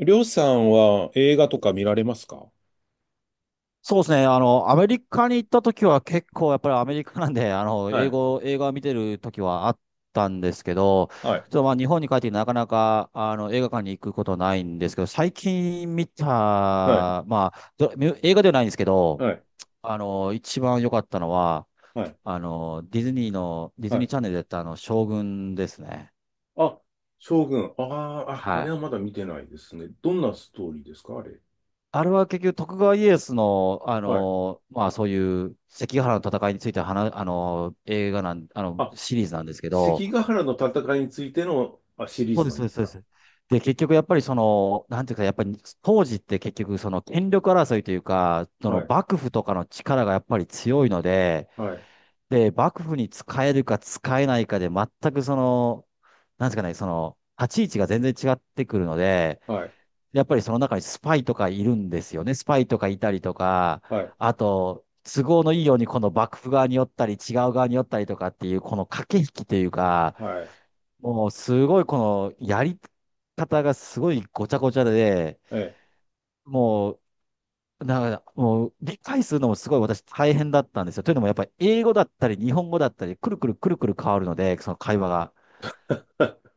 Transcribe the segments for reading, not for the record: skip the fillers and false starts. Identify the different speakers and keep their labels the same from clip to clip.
Speaker 1: りょうさんは映画とか見られますか？
Speaker 2: そうですね。アメリカに行った時は結構やっぱりアメリカなんで、
Speaker 1: は
Speaker 2: 英
Speaker 1: い、
Speaker 2: 語、映画を見てる時はあったんですけど、ちょ
Speaker 1: はい、
Speaker 2: っと日本に帰ってきてなかなか、映画館に行くことないんですけど、最近見た、
Speaker 1: はい、
Speaker 2: まあ、ど映画ではないんですけど、
Speaker 1: はい、
Speaker 2: 一番良かったのは、
Speaker 1: はい、
Speaker 2: ディズニーの、ディ
Speaker 1: は
Speaker 2: ズニー
Speaker 1: い。
Speaker 2: チャンネルでやった将軍ですね。
Speaker 1: あ、将軍。ああ、ああ
Speaker 2: は
Speaker 1: れ
Speaker 2: い。
Speaker 1: はまだ見てないですね。どんなストーリーですか、あれ。
Speaker 2: あれは結局徳川家康の、
Speaker 1: はい。
Speaker 2: そういう関ヶ原の戦いについて話、あの、映画なん、あの、
Speaker 1: あ、
Speaker 2: シリーズなんですけど、
Speaker 1: 関ヶ原の戦いについてのシリー
Speaker 2: そう
Speaker 1: ズ
Speaker 2: で
Speaker 1: な
Speaker 2: す、
Speaker 1: ん
Speaker 2: そう
Speaker 1: で
Speaker 2: です、
Speaker 1: す
Speaker 2: そうで
Speaker 1: か？
Speaker 2: す。で、結局やっぱりその、なんていうか、やっぱり当時って結局その権力争いというか、そ
Speaker 1: は
Speaker 2: の
Speaker 1: い、
Speaker 2: 幕府とかの力がやっぱり強いので、
Speaker 1: はい、
Speaker 2: で、幕府に使えるか使えないかで全くその、なんですかね、その、立ち位置が全然違ってくるので、
Speaker 1: はい、
Speaker 2: やっぱりその中にスパイとかいるんですよね。スパイとかいたりとか、
Speaker 1: はい、
Speaker 2: あと、都合のいいようにこの幕府側に寄ったり、違う側に寄ったりとかっていう、この駆け引きというか、
Speaker 1: はい、
Speaker 2: もうすごいこのやり方がすごいごちゃごちゃで、
Speaker 1: え
Speaker 2: もう、なんか、もう理解するのもすごい私大変だったんですよ。というのもやっぱり英語だったり日本語だったり、くるくるくるくる変わるので、その会話が。
Speaker 1: え。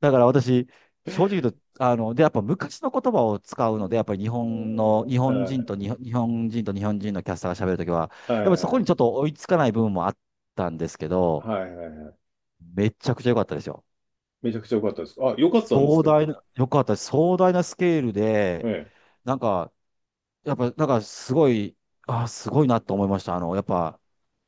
Speaker 2: だから私、正直言うと、やっぱ昔の言葉を使うので、やっぱり
Speaker 1: は
Speaker 2: 日本人と日本人のキャスターが喋るときは、や
Speaker 1: い、
Speaker 2: っ
Speaker 1: は
Speaker 2: ぱ
Speaker 1: い、
Speaker 2: りそ
Speaker 1: は
Speaker 2: こに
Speaker 1: い、
Speaker 2: ちょっと追いつかない部分もあったんですけど、
Speaker 1: はいはい。
Speaker 2: めちゃくちゃ良かったですよ。
Speaker 1: めちゃくちゃ良かったです。あ、良かったんです
Speaker 2: 壮
Speaker 1: か？
Speaker 2: 大な、良かったです。壮大なスケール
Speaker 1: え
Speaker 2: で、
Speaker 1: え。
Speaker 2: なんか、やっぱ、なんかすごい、あ、すごいなと思いました。あの、やっぱ、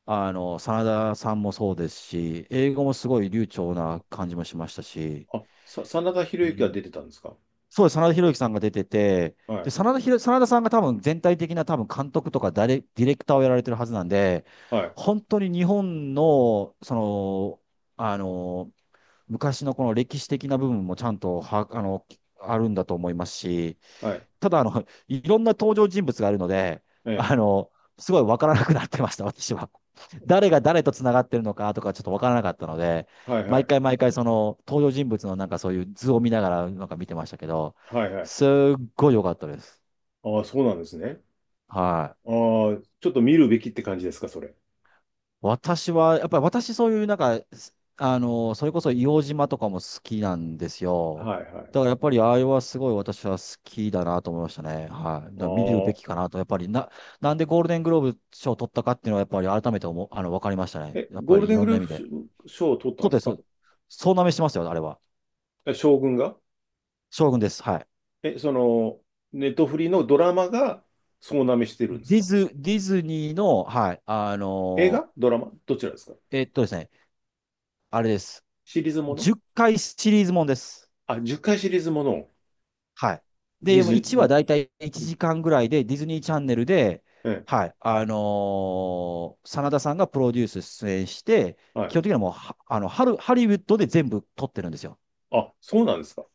Speaker 2: あの、真田さんもそうですし、英語もすごい流暢な感じもしましたし、
Speaker 1: あ、真田
Speaker 2: う
Speaker 1: 広之が
Speaker 2: ん、
Speaker 1: 出てたんですか？
Speaker 2: そうです、真田広之さんが出てて、
Speaker 1: は
Speaker 2: で、
Speaker 1: い、
Speaker 2: 真田さんが多分全体的な多分監督とかディレクターをやられてるはずなんで、
Speaker 1: はい、
Speaker 2: 本当に日本の、その、あの、昔のこの歴史的な部分もちゃんとは、あの、あるんだと思いますし、
Speaker 1: はい、
Speaker 2: ただ、いろんな登場人物があるので、
Speaker 1: ええ。
Speaker 2: あの、すごいわからなくなってました、私は。誰が誰と繋がってるのかとかちょっとわからなかったので、
Speaker 1: はいは
Speaker 2: 毎
Speaker 1: い。
Speaker 2: 回毎回その登場人物のなんかそういう図を見ながらなんか見てましたけど、
Speaker 1: はいはい。
Speaker 2: すっごい良かったです。
Speaker 1: ああ、そうなんですね。
Speaker 2: はい。
Speaker 1: ああ、ちょっと見るべきって感じですか、それ？
Speaker 2: 私は、やっぱり私そういうなんか、すあの、それこそ硫黄島とかも好きなんですよ。
Speaker 1: はいはい。
Speaker 2: だからやっぱりあれはすごい私は好きだなと思いましたね。はい。だ
Speaker 1: あ
Speaker 2: から見るべきか
Speaker 1: あ。
Speaker 2: なと、やっぱりな、なんでゴールデングローブ賞を取ったかっていうのはやっぱり改めて思う、あの、わかりましたね。
Speaker 1: え、
Speaker 2: やっ
Speaker 1: ゴ
Speaker 2: ぱ
Speaker 1: ール
Speaker 2: りい
Speaker 1: デン
Speaker 2: ろ
Speaker 1: グ
Speaker 2: ん
Speaker 1: ル
Speaker 2: な
Speaker 1: ー
Speaker 2: 意味で。
Speaker 1: プ賞を取った
Speaker 2: そ
Speaker 1: ん
Speaker 2: う
Speaker 1: で
Speaker 2: で
Speaker 1: す
Speaker 2: す、そう
Speaker 1: か？
Speaker 2: です。総なめしてますよ、あれは。
Speaker 1: え、将軍が？
Speaker 2: 将軍です。はい。
Speaker 1: え、その、ネットフリのドラマが総なめしてるんですか？
Speaker 2: ディズニーの、はい、あ
Speaker 1: 映
Speaker 2: の、
Speaker 1: 画ドラマどちらですか？
Speaker 2: えっとですね、あれです。
Speaker 1: シリーズもの？
Speaker 2: 10回シリーズもんです。
Speaker 1: あ、10回シリーズものを？
Speaker 2: はい。
Speaker 1: ディ
Speaker 2: で、も
Speaker 1: ズ
Speaker 2: う
Speaker 1: ニー、う
Speaker 2: 1話
Speaker 1: ん、
Speaker 2: だいたい1
Speaker 1: うん、
Speaker 2: 時間ぐらいで、ディズニーチャンネルで、
Speaker 1: ええ、
Speaker 2: 真田さんがプロデュース出演して、
Speaker 1: は
Speaker 2: 基
Speaker 1: い。
Speaker 2: 本的にはもうは、あの、ハル、ハリウッドで全部撮ってるんですよ。
Speaker 1: あ、そうなんですか？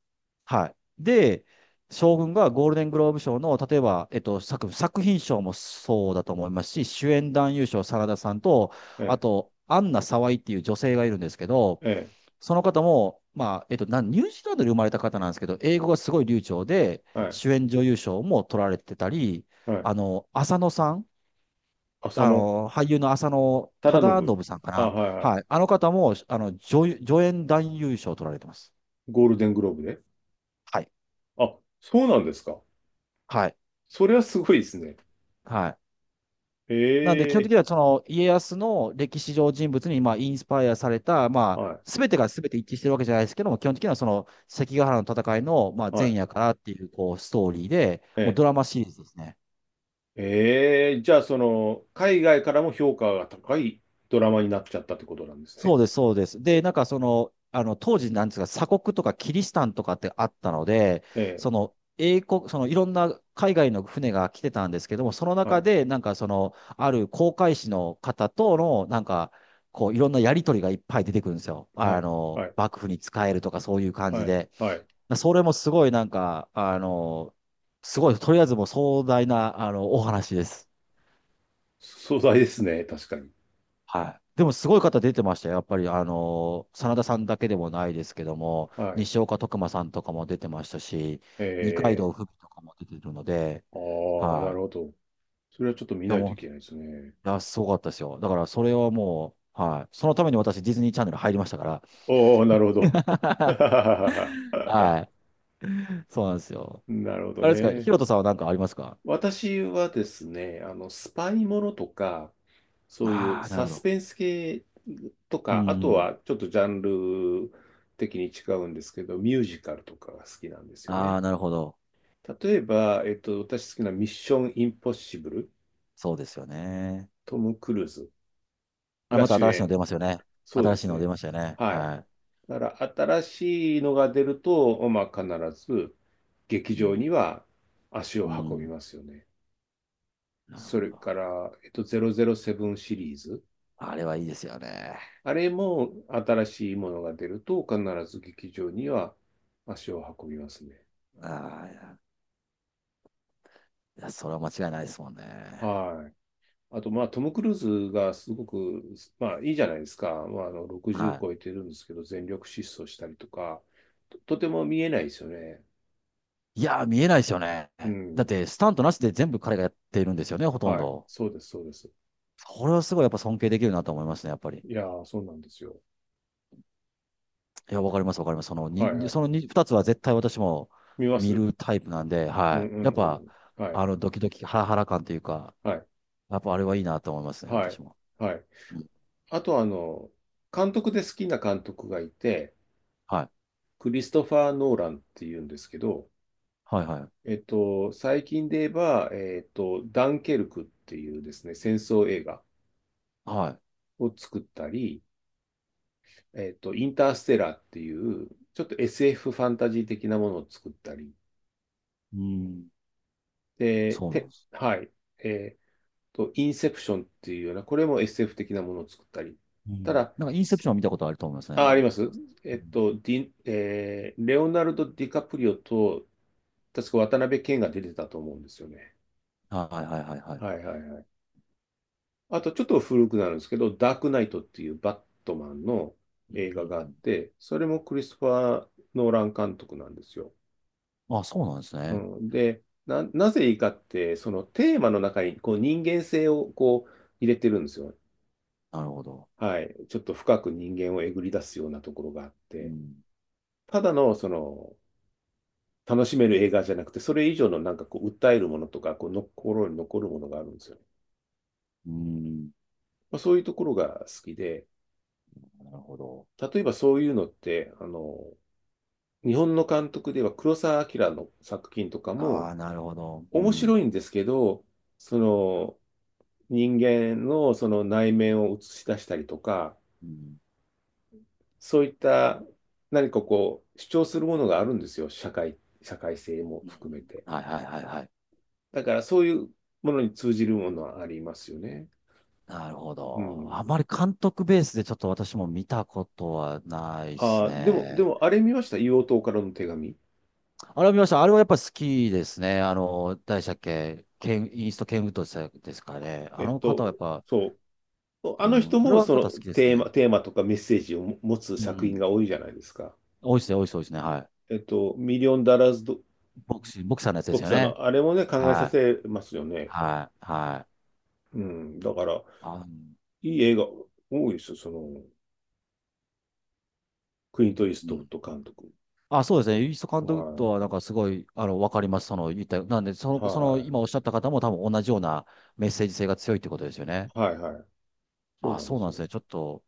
Speaker 2: はい。で、将軍がゴールデングローブ賞の、例えば、作品賞もそうだと思いますし、主演男優賞、真田さんと、あ
Speaker 1: え
Speaker 2: と、アンナ・沢井っていう女性がいるんですけど、
Speaker 1: え、ええ、
Speaker 2: その方も、ニュージーランドで生まれた方なんですけど、英語がすごい流暢で、
Speaker 1: はい、
Speaker 2: 主演女優賞も取られてたり、
Speaker 1: はい。
Speaker 2: あの、浅野さん、
Speaker 1: 浅
Speaker 2: あ
Speaker 1: 野
Speaker 2: の、俳優の浅野
Speaker 1: 忠
Speaker 2: 忠
Speaker 1: 信。
Speaker 2: 信さんか
Speaker 1: あ、
Speaker 2: な。
Speaker 1: はいはい。
Speaker 2: はい。あの方も、助演男優賞を取られてます。
Speaker 1: ゴールデングローブで。
Speaker 2: はい。
Speaker 1: あ、そうなんですか？
Speaker 2: はい。
Speaker 1: それはすごいですね。
Speaker 2: はい。
Speaker 1: え
Speaker 2: なんで、基本的
Speaker 1: え、
Speaker 2: には、その、家康の歴史上人物に、まあ、インスパイアされた、ま
Speaker 1: は
Speaker 2: あ、
Speaker 1: い、
Speaker 2: すべてがすべて一致してるわけじゃないですけども、基本的にはその関ヶ原の戦いの、まあ、
Speaker 1: は
Speaker 2: 前
Speaker 1: い。
Speaker 2: 夜からっていう、こう、ストーリーで、もう
Speaker 1: え
Speaker 2: ドラマシリーズですね。
Speaker 1: え、ええ、じゃあ、その、海外からも評価が高いドラマになっちゃったってことなんです
Speaker 2: そ
Speaker 1: ね。
Speaker 2: うです、そうです。で、当時なんですが、鎖国とかキリシタンとかってあったので、
Speaker 1: ええ、
Speaker 2: その、英国、そのいろんな海外の船が来てたんですけども、その
Speaker 1: は
Speaker 2: 中
Speaker 1: い、
Speaker 2: で、ある航海士の方との、いろんなやりとりがいっぱい出てくるんですよ。
Speaker 1: はい、はい、
Speaker 2: 幕府に仕えるとかそういう感
Speaker 1: は
Speaker 2: じ
Speaker 1: い、
Speaker 2: で。
Speaker 1: はい。
Speaker 2: それもすごいなんか、あの、すごい、とりあえずもう壮大な、お話です。
Speaker 1: 壮大ですね、確かに。
Speaker 2: はい。でもすごい方出てましたよ。やっぱり、真田さんだけでもないですけども、
Speaker 1: はい。
Speaker 2: 西岡徳馬さんとかも出てましたし、
Speaker 1: え
Speaker 2: 二階
Speaker 1: え、
Speaker 2: 堂ふみとかも出てるので、
Speaker 1: ああ、なる
Speaker 2: は
Speaker 1: ほど。それはちょっと見
Speaker 2: い。い
Speaker 1: な
Speaker 2: や、
Speaker 1: いと
Speaker 2: も
Speaker 1: い
Speaker 2: う、
Speaker 1: け
Speaker 2: い
Speaker 1: ないですね。
Speaker 2: や、すごかったですよ。だから、それはもう、はい。そのために私、ディズニーチャンネル入りましたから。
Speaker 1: おお、なるほど。
Speaker 2: はい。そうなんですよ。
Speaker 1: なるほど
Speaker 2: あれですか、ヒ
Speaker 1: ね。
Speaker 2: ロトさんは何かありますか？
Speaker 1: 私はですね、あの、スパイものとか、そうい
Speaker 2: あ
Speaker 1: う
Speaker 2: あー、なる
Speaker 1: サ
Speaker 2: ほ
Speaker 1: ス
Speaker 2: ど。
Speaker 1: ペンス系と
Speaker 2: う
Speaker 1: か、あと
Speaker 2: ん。
Speaker 1: はちょっとジャンル的に違うんですけど、ミュージカルとかが好きなんですよ
Speaker 2: あ
Speaker 1: ね。
Speaker 2: あ、なるほど。
Speaker 1: 例えば、私好きなミッションインポッシブル、
Speaker 2: そうですよね。
Speaker 1: トム・クルーズ
Speaker 2: あれ、
Speaker 1: が
Speaker 2: また
Speaker 1: 主
Speaker 2: 新しいの
Speaker 1: 演。
Speaker 2: 出ますよね。
Speaker 1: そう
Speaker 2: 新
Speaker 1: で
Speaker 2: しい
Speaker 1: す
Speaker 2: の出
Speaker 1: ね。
Speaker 2: ましたよね。
Speaker 1: はい。
Speaker 2: は
Speaker 1: だから新しいのが出ると、まあ、必ず劇
Speaker 2: い。う
Speaker 1: 場
Speaker 2: ん。
Speaker 1: には足を
Speaker 2: う
Speaker 1: 運び
Speaker 2: ん。
Speaker 1: ますよね。
Speaker 2: なる
Speaker 1: そ
Speaker 2: ほ
Speaker 1: れ
Speaker 2: ど。
Speaker 1: から、007シリーズ。
Speaker 2: あれはいいですよね。
Speaker 1: あれも新しいものが出ると必ず劇場には足を運びますね。
Speaker 2: ああ、いや、いやそれは間違いないですもんね。
Speaker 1: はい。あと、まあ、トム・クルーズがすごく、まあ、いいじゃないですか。まあ、あの、60
Speaker 2: は
Speaker 1: 超えてるんですけど、全力疾走したりとか、とても見えないですよね。
Speaker 2: い。いやー、見えないですよね。
Speaker 1: う
Speaker 2: だっ
Speaker 1: ん。
Speaker 2: て、スタントなしで全部彼がやっているんですよね、ほとん
Speaker 1: はい。
Speaker 2: ど。
Speaker 1: そうです、そうです。
Speaker 2: これはすごいやっぱ尊敬できるなと思いますね、やっぱり。
Speaker 1: いやー、そうなんですよ。
Speaker 2: いや、わかります、わかります。その
Speaker 1: はい、
Speaker 2: に
Speaker 1: はい。
Speaker 2: そのに二つは絶対私も
Speaker 1: 見ます。
Speaker 2: 見るタイプなんで、
Speaker 1: うん
Speaker 2: は
Speaker 1: う
Speaker 2: い。やっ
Speaker 1: んう
Speaker 2: ぱ、
Speaker 1: ん。はい、
Speaker 2: ドキドキ、ハラハラ感というか、
Speaker 1: はい、
Speaker 2: やっぱあれはいいなと思いますね、
Speaker 1: はい、
Speaker 2: 私も。
Speaker 1: はい。
Speaker 2: うん。
Speaker 1: あと、あの、監督で好きな監督がいて、
Speaker 2: はい。
Speaker 1: クリストファー・ノーランっていうんですけど、
Speaker 2: はい、はい。
Speaker 1: 最近で言えば、ダンケルクっていうですね、戦争映画
Speaker 2: はい。
Speaker 1: を作ったり、インターステラーっていう、ちょっと SF ファンタジー的なものを作ったり、
Speaker 2: うん。そうなんです。
Speaker 1: はい、えっインセプションっていうような、これも SF 的なものを作ったり。
Speaker 2: う
Speaker 1: た
Speaker 2: ん。
Speaker 1: だ、
Speaker 2: なんか、インセプシ
Speaker 1: す
Speaker 2: ョンは見たことあると思いますね、
Speaker 1: あり
Speaker 2: は
Speaker 1: ます。え
Speaker 2: い。う
Speaker 1: っ
Speaker 2: ん、
Speaker 1: と、ディ、えーレオナルド・ディカプリオと、確か渡辺謙が出てたと思うんですよね。
Speaker 2: はいはいはいはい。
Speaker 1: はいはいはい。あとちょっと古くなるんですけど、ダークナイトっていうバットマンの
Speaker 2: うん
Speaker 1: 映
Speaker 2: う
Speaker 1: 画があ
Speaker 2: ん
Speaker 1: っ
Speaker 2: う
Speaker 1: て、それもクリストファー・ノーラン監督なんですよ。
Speaker 2: ん、あ、そうなんです
Speaker 1: う
Speaker 2: ね。
Speaker 1: ん、で、なぜいいかって、そのテーマの中にこう人間性をこう入れてるんですよ。
Speaker 2: なるほど。
Speaker 1: はい。ちょっと深く人間をえぐり出すようなところがあっ
Speaker 2: う
Speaker 1: て、
Speaker 2: ん。
Speaker 1: ただのその楽しめる映画じゃなくて、それ以上のなんかこう訴えるものとか、こうの心に残るものがあるんですよ。
Speaker 2: うん。
Speaker 1: まあ、そういうところが好きで、
Speaker 2: なるほど。
Speaker 1: 例えばそういうのって、あの、日本の監督では黒澤明の作品とか
Speaker 2: あ
Speaker 1: も
Speaker 2: あ、なるほど。う
Speaker 1: 面
Speaker 2: ん。
Speaker 1: 白いんですけど、その人間のその内面を映し出したりとか、
Speaker 2: うん。
Speaker 1: そういった何かこう主張するものがあるんですよ、社会性も
Speaker 2: うんう
Speaker 1: 含め
Speaker 2: ん、
Speaker 1: て。
Speaker 2: はいはいはいはい。
Speaker 1: だからそういうものに通じるものはありますよね。
Speaker 2: なるほ
Speaker 1: う
Speaker 2: ど。あ
Speaker 1: ん。
Speaker 2: まり監督ベースでちょっと私も見たことはないです
Speaker 1: でも、
Speaker 2: ね。
Speaker 1: あれ見ました、硫黄島からの手紙。
Speaker 2: あれを見ました。あれはやっぱり好きですね。誰でしたっけ、ケン、イースト・ケンウッドでしたですかね。あ
Speaker 1: えっ
Speaker 2: の方
Speaker 1: と、
Speaker 2: はやっぱ、
Speaker 1: そう。あ
Speaker 2: う
Speaker 1: の人
Speaker 2: ん、あれ
Speaker 1: も
Speaker 2: は
Speaker 1: そ
Speaker 2: 方
Speaker 1: の
Speaker 2: 好きです
Speaker 1: テー
Speaker 2: ね。
Speaker 1: マ、とかメッセージを持つ
Speaker 2: う
Speaker 1: 作品
Speaker 2: ん。
Speaker 1: が多いじゃないですか。
Speaker 2: 多いですね、多いです、多いですね。はい。
Speaker 1: ミリオンダラーズド
Speaker 2: ボクサーのやつで
Speaker 1: ボ
Speaker 2: す
Speaker 1: ク
Speaker 2: よ
Speaker 1: サー
Speaker 2: ね。
Speaker 1: の、あれもね、考えさ
Speaker 2: はい。
Speaker 1: せますよね。
Speaker 2: はい、はい。
Speaker 1: うん。だから、
Speaker 2: あ、
Speaker 1: いい映画多いですよ、その、クイント・イース
Speaker 2: う
Speaker 1: トウッ
Speaker 2: ん。
Speaker 1: ド監督。
Speaker 2: あ、そうですね。イースト
Speaker 1: は
Speaker 2: 監督とは、なん
Speaker 1: い。
Speaker 2: かすごい、あの、わかります。その、言った、なんで、その、その、
Speaker 1: は
Speaker 2: 今おっしゃった方も多分同じようなメッセージ性が強いってことですよね。
Speaker 1: い。はい、はい。そう
Speaker 2: あ、
Speaker 1: なんで
Speaker 2: そうな
Speaker 1: す
Speaker 2: んで
Speaker 1: よ。
Speaker 2: すね。ちょっと、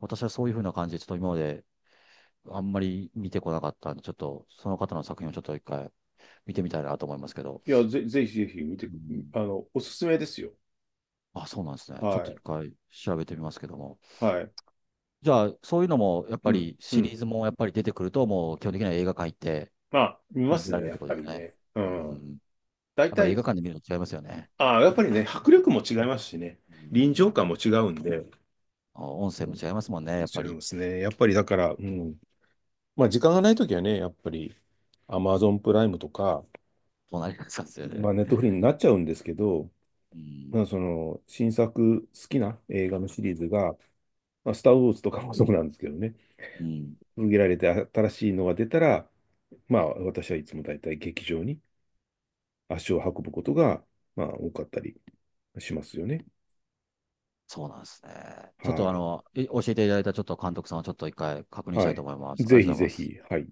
Speaker 2: 私はそういうふうな感じで、ちょっと今まであんまり見てこなかったんで、ちょっと、その方の作品をちょっと一回見てみたいなと思いますけど。
Speaker 1: いや、ぜひぜひ見て
Speaker 2: う
Speaker 1: く、
Speaker 2: ん。
Speaker 1: あの、おすすめですよ。
Speaker 2: あ、そうなんですね。ちょっ
Speaker 1: は
Speaker 2: と一
Speaker 1: い。
Speaker 2: 回調べてみますけども。
Speaker 1: はい。
Speaker 2: じゃあ、そういうのも、やっ
Speaker 1: う
Speaker 2: ぱ
Speaker 1: ん。
Speaker 2: り
Speaker 1: う
Speaker 2: シリ
Speaker 1: ん。
Speaker 2: ーズもやっぱり出てくると、もう基本的には映画館行って、
Speaker 1: まあ、見ま
Speaker 2: 見
Speaker 1: す
Speaker 2: ら
Speaker 1: ね、
Speaker 2: れるっ
Speaker 1: や
Speaker 2: て
Speaker 1: っ
Speaker 2: こと
Speaker 1: ぱ
Speaker 2: です
Speaker 1: り
Speaker 2: ね。
Speaker 1: ね。う
Speaker 2: う
Speaker 1: ん。
Speaker 2: ん。や
Speaker 1: 大
Speaker 2: っぱり映
Speaker 1: 体、
Speaker 2: 画館で見るの違いますよね。
Speaker 1: ああ、やっぱりね、迫力も違いますしね。
Speaker 2: う
Speaker 1: 臨場
Speaker 2: ん。
Speaker 1: 感も違うんで。
Speaker 2: あ、音
Speaker 1: う
Speaker 2: 声
Speaker 1: ん。
Speaker 2: も違いますもんね、やっ
Speaker 1: 違
Speaker 2: ぱ
Speaker 1: い
Speaker 2: り。
Speaker 1: ますね。やっぱりだか
Speaker 2: うん、
Speaker 1: ら、うん。まあ、時間がないときはね、やっぱり Amazon プライムとか、
Speaker 2: そうなりますよ
Speaker 1: ま
Speaker 2: ね。
Speaker 1: あ、ネットフリーになっちゃうんですけど、
Speaker 2: う
Speaker 1: ま
Speaker 2: ん。
Speaker 1: あ、その新作好きな映画のシリーズが、まあ、スター・ウォーズとかもそうなんですけどね、
Speaker 2: うん。
Speaker 1: 続けられて新しいのが出たら、まあ、私はいつも大体劇場に足を運ぶことが、まあ、多かったりしますよね。
Speaker 2: そうなんですね。ちょっ
Speaker 1: は
Speaker 2: とあ
Speaker 1: い。
Speaker 2: の、え教えていただいたちょっと監督さんをちょっと一回確認し
Speaker 1: は
Speaker 2: たいと
Speaker 1: い。
Speaker 2: 思います。ありが
Speaker 1: ぜ
Speaker 2: と
Speaker 1: ひ
Speaker 2: うござい
Speaker 1: ぜ
Speaker 2: ます。
Speaker 1: ひ、はい。